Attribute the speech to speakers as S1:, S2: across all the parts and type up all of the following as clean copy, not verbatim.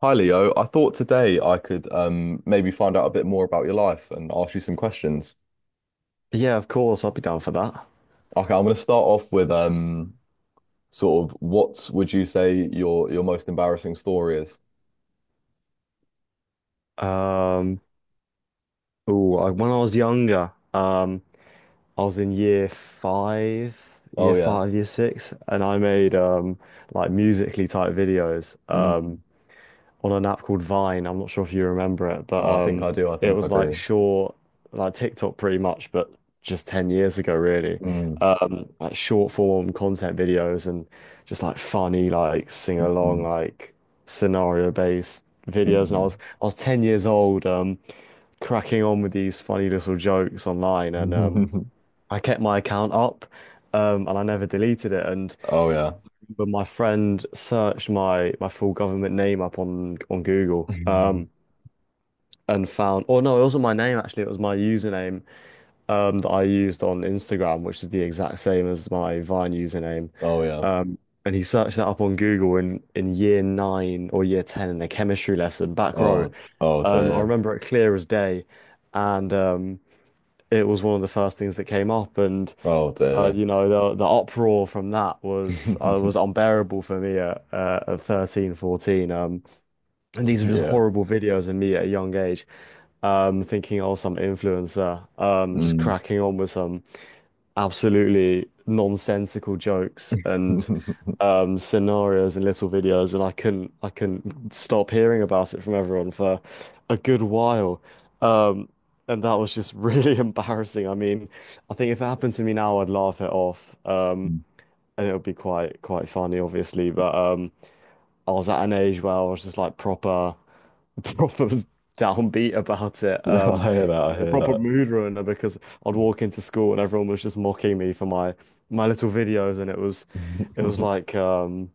S1: Hi Leo, I thought today I could maybe find out a bit more about your life and ask you some questions.
S2: Yeah, of course, I'd be down for that.
S1: Okay, I'm going to start off with sort of what would you say your most embarrassing story is?
S2: Um, oh, I, when I was younger, I was in year 5,
S1: Oh yeah.
S2: year 6, and I made like musically type videos.
S1: Mm.
S2: On an app called Vine. I'm not sure if you remember it, but
S1: Oh, I think I do. I
S2: it
S1: think I
S2: was like
S1: do.
S2: short, like TikTok pretty much, but just 10 years ago, really.
S1: Mm.
S2: Like short form content videos and just like funny, like sing along,
S1: Mm.
S2: like scenario based videos. And
S1: Mm.
S2: I was 10 years old, cracking on with these funny little jokes online, and
S1: Mm.
S2: I kept my account up. And I never deleted it. And
S1: Oh yeah.
S2: But my friend searched my full government name up on Google.
S1: Mm.
S2: And found, oh no, it wasn't my name actually, it was my username that I used on Instagram, which is the exact same as my Vine username.
S1: Oh yeah.
S2: Um, and he searched that up on Google in year 9 or year 10 in a chemistry lesson, back row.
S1: Oh oh
S2: I
S1: dear.
S2: remember it clear as day. And it was one of the first things that came up.
S1: Oh dear.
S2: You know, the uproar from that was unbearable for me at 13, 14. And these are just
S1: Yeah.
S2: horrible videos of me at a young age, thinking, oh, some influencer, just
S1: Mm.
S2: cracking on with some absolutely nonsensical jokes and scenarios and little videos, and I couldn't stop hearing about it from everyone for a good while, um, and that was just really embarrassing. I mean, I think if it happened to me now, I'd laugh it off, and it would be quite funny, obviously, but I was at an age where I was just like proper. proper downbeat about it.
S1: I hear that.
S2: It
S1: I
S2: was a
S1: hear
S2: proper
S1: that.
S2: mood ruiner because I'd walk into school and everyone was just mocking me for my little videos, and it was like um,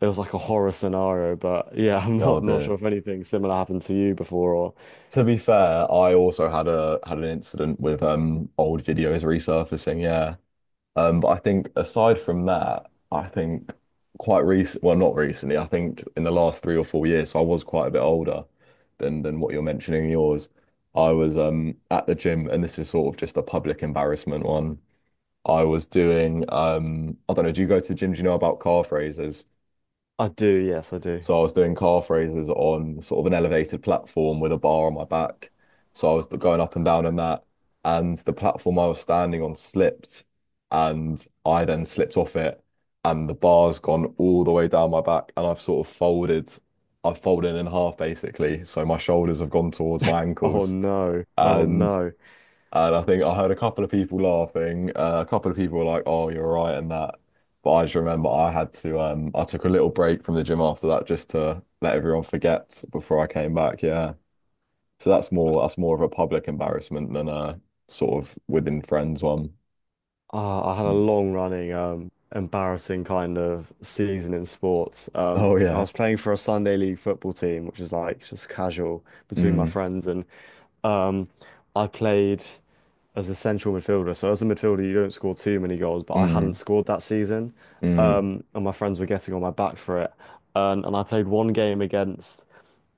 S2: it was like a horror scenario. But yeah, I'm
S1: Oh
S2: not
S1: dear.
S2: sure if anything similar happened to you before, or
S1: To be fair, I also had a had an incident with old videos resurfacing, yeah. But I think aside from that, I think not recently, I think in the last 3 or 4 years, so I was quite a bit older than what you're mentioning in yours. I was at the gym, and this is sort of just a public embarrassment one. I was doing I don't know, do you go to the gym? Do you know about calf raises?
S2: I do. Yes, I do.
S1: So I was doing calf raises on sort of an elevated platform with a bar on my back. So I was going up and down on that. And the platform I was standing on slipped. And I then slipped off it. And the bar's gone all the way down my back. And I've sort of I've folded in half basically. So my shoulders have gone towards my
S2: Oh
S1: ankles.
S2: no! Oh
S1: And
S2: no!
S1: and I think I heard a couple of people laughing. A couple of people were like, "Oh, you're right," and that. But I just remember I had to. I took a little break from the gym after that just to let everyone forget before I came back. Yeah. So that's more of a public embarrassment than a sort of within friends one.
S2: Ah, I had a
S1: Mm.
S2: long running embarrassing kind of season in sports.
S1: Oh
S2: I
S1: yeah.
S2: was playing for a Sunday league football team, which is like just casual between my
S1: Mm,
S2: friends, and Um, I played as a central midfielder. So as a midfielder, you don't score too many goals, but I hadn't
S1: mm,
S2: scored that season.
S1: mm,
S2: And my friends were getting on my back for it. And I played one game against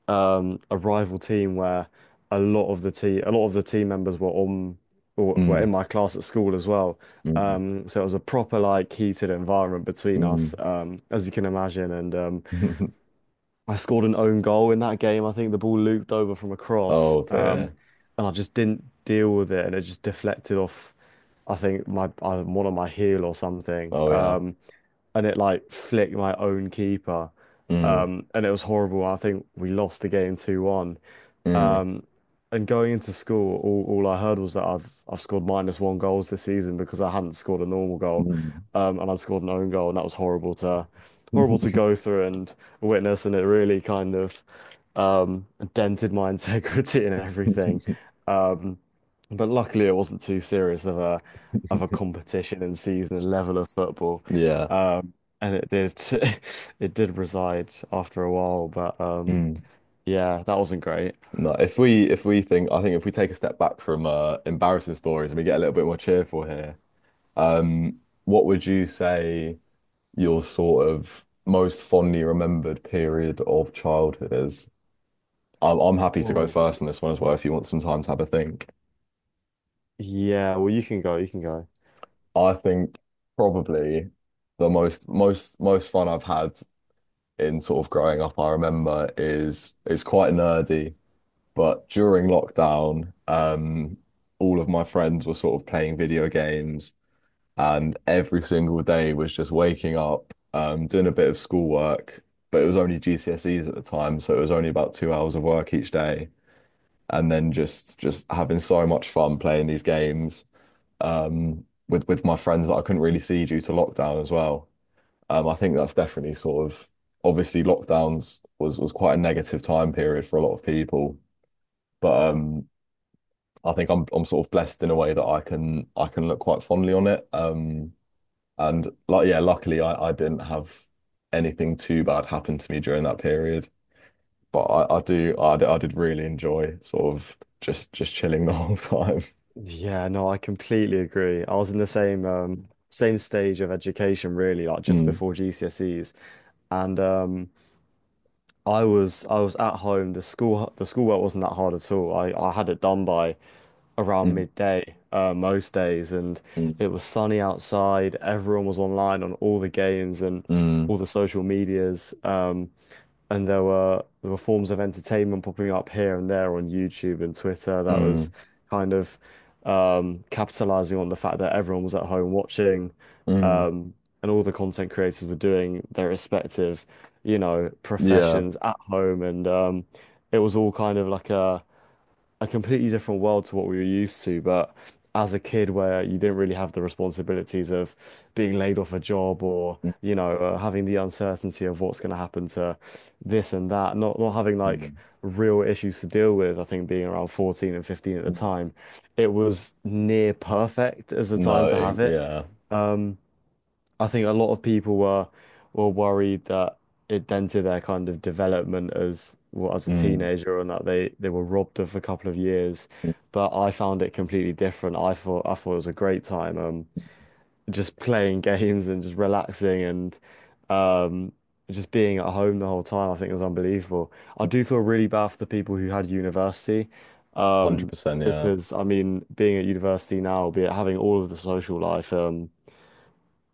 S2: a rival team where a lot of the team members were on or were
S1: mm,
S2: in my class at school as well.
S1: mm,
S2: So it was a proper like heated environment between us, as you can imagine. And
S1: mm.
S2: I scored an own goal in that game. I think the ball looped over from a cross,
S1: Oh dear.
S2: and I just didn't deal with it, and it just deflected off. I think my one of my heel or something,
S1: Oh yeah.
S2: and it like flicked my own keeper,
S1: Mm,
S2: and it was horrible. I think we lost the game 2-1.
S1: mm,
S2: And going into school, all I heard was that I've scored minus one goals this season because I hadn't scored a normal goal,
S1: mm.
S2: and I'd scored an own goal, and that was horrible to go through and witness, and it really kind of um, dented my integrity and everything. Um, but luckily, it wasn't too serious of a competition and season and level of football,
S1: Yeah.
S2: um, and it did it did reside after a while, but
S1: Mm.
S2: yeah, that wasn't great.
S1: No, if we think I think if we take a step back from embarrassing stories and we get a little bit more cheerful here, what would you say your sort of most fondly remembered period of childhood is? I'm happy to go
S2: Oh.
S1: first on this one as well if you want some time to have a think.
S2: Yeah, well, you can go, you can go.
S1: I think probably the most fun I've had in sort of growing up, I remember is it's quite nerdy. But during lockdown, all of my friends were sort of playing video games, and every single day was just waking up, doing a bit of schoolwork. But it was only GCSEs at the time, so it was only about 2 hours of work each day, and then just having so much fun playing these games, with my friends that I couldn't really see due to lockdown as well. I think that's definitely obviously lockdowns was quite a negative time period for a lot of people. But I think I'm sort of blessed in a way that I can look quite fondly on it. And like yeah, luckily I didn't have anything too bad happen to me during that period. But I do I, d- I did really enjoy sort of just chilling the whole time.
S2: Yeah, no, I completely agree. I was in the same stage of education really, like just
S1: Mm,
S2: before GCSEs. And I was at home. The schoolwork wasn't that hard at all. I had it done by around
S1: mm,
S2: midday, most days, and it
S1: mm,
S2: was sunny outside. Everyone was online on all the games and all
S1: mm,
S2: the social medias. And there were forms of entertainment popping up here and there on YouTube and Twitter that was
S1: mm,
S2: kind of capitalizing on the fact that everyone was at home watching,
S1: mm.
S2: um, and all the content creators were doing their respective, you know,
S1: Yeah.
S2: professions at home, and it was all kind of like a completely different world to what we were used to. But as a kid, where you didn't really have the responsibilities of being laid off a job or,
S1: Mm,
S2: you know, having the uncertainty of what's going to happen to this and that, not having like
S1: mm,
S2: real issues to deal with. I think being around 14 and 15 at the
S1: mm.
S2: time, it was near perfect as the time
S1: No,
S2: to
S1: it,
S2: have it.
S1: yeah.
S2: Um, I think a lot of people were worried that it dented their kind of development as well, as a
S1: Mm,
S2: teenager and that they were robbed of a couple of years. But I found it completely different. I thought it was a great time, just playing games and just relaxing and um, just being at home the whole time. I think it was unbelievable. I do feel really bad for the people who had university, um,
S1: 100%, yeah.
S2: because I mean, being at university now, be it having all of the social life,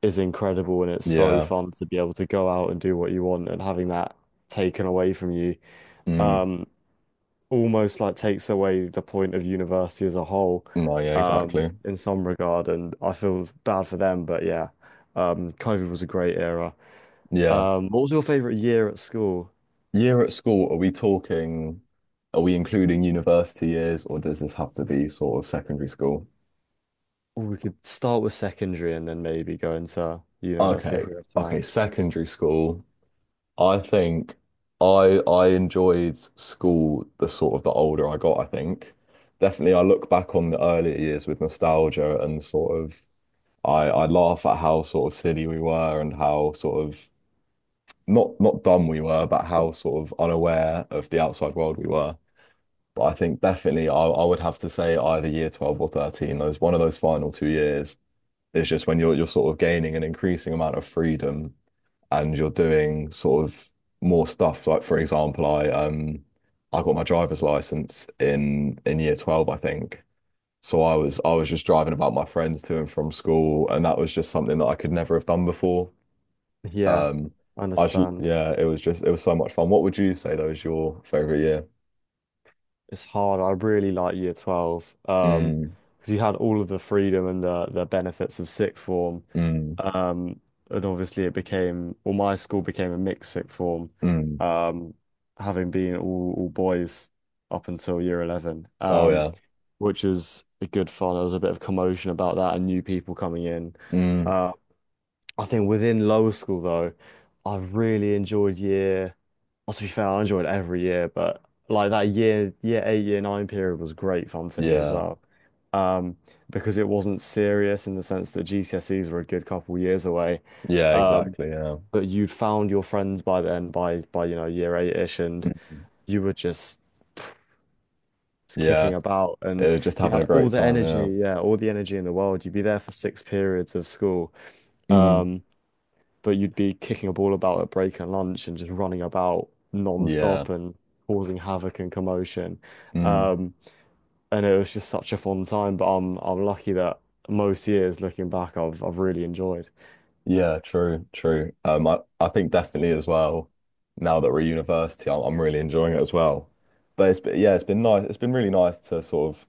S2: is incredible, and it's so
S1: Yeah.
S2: fun to be able to go out and do what you want, and having that taken away from you
S1: Mm.
S2: um almost like takes away the point of university as a whole
S1: No, yeah, exactly.
S2: in some regard, and I feel bad for them. But yeah, COVID was a great era.
S1: Yeah.
S2: What was your favorite year at school?
S1: Year at school, are we talking, are we including university years or does this have to be sort of secondary school?
S2: Ooh, we could start with secondary and then maybe go into university if
S1: Okay.
S2: we have time.
S1: Okay, secondary school. I think I enjoyed school the sort of the older I got, I think. Definitely I look back on the earlier years with nostalgia and sort of I laugh at how sort of silly we were and how sort of not dumb we were, but how sort of unaware of the outside world we were. But I think definitely I would have to say either year 12 or 13, those one of those final 2 years is just when you're sort of gaining an increasing amount of freedom and you're doing sort of more stuff. Like for example, I got my driver's license in year 12, I think. So I was just driving about my friends to and from school, and that was just something that I could never have done before.
S2: Yeah,
S1: Um I should,
S2: understand.
S1: yeah, it was just it was so much fun. What would you say though is your favorite year?
S2: It's hard. I really like year 12
S1: Mm,
S2: because you had all of the freedom and the benefits of sixth form,
S1: mm,
S2: um and obviously it became well, my school became a mixed sixth form,
S1: mm.
S2: um having been all boys up until year 11,
S1: Oh yeah.
S2: which is a good fun. There was a bit of commotion about that and new people coming in.
S1: Mm,
S2: Uh, I think within lower school though, I really enjoyed year. Well, to be fair, I enjoyed every year, but like that year, year 8, year 9 period was great fun to me as
S1: yeah.
S2: well. Um, because it wasn't serious in the sense that GCSEs were a good couple years away.
S1: Yeah,
S2: Mm.
S1: exactly. Yeah.
S2: But you'd found your friends by then, by you know, year 8-ish, and
S1: Mhm.
S2: you were just
S1: Yeah.
S2: kicking about,
S1: It
S2: and
S1: was just
S2: you
S1: having a
S2: had
S1: great
S2: all the
S1: time. Yeah.
S2: energy, yeah, all the energy in the world. You'd be there for six periods of school.
S1: Mm,
S2: Um, but you'd be kicking a ball about at break and lunch and just running about
S1: yeah.
S2: non-stop and causing havoc and commotion.
S1: Mm,
S2: Um, and it was just such a fun time, but I'm lucky that most years looking back I've really enjoyed.
S1: yeah. True. True. I think definitely as well, now that we're at university, I'm really enjoying it as well. But it's been, yeah, it's been nice. It's been really nice to sort of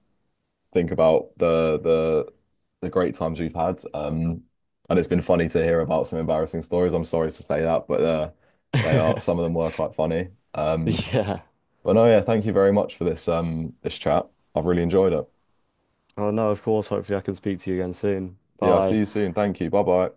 S1: think about the great times we've had. And it's been funny to hear about some embarrassing stories. I'm sorry to say that, but they are, some of them were quite funny.
S2: Yeah.
S1: But no, yeah, thank you very much for this this chat. I've really enjoyed it.
S2: Oh no, of course, hopefully I can speak to you again soon.
S1: Yeah, I'll
S2: Bye.
S1: see you soon. Thank you. Bye bye.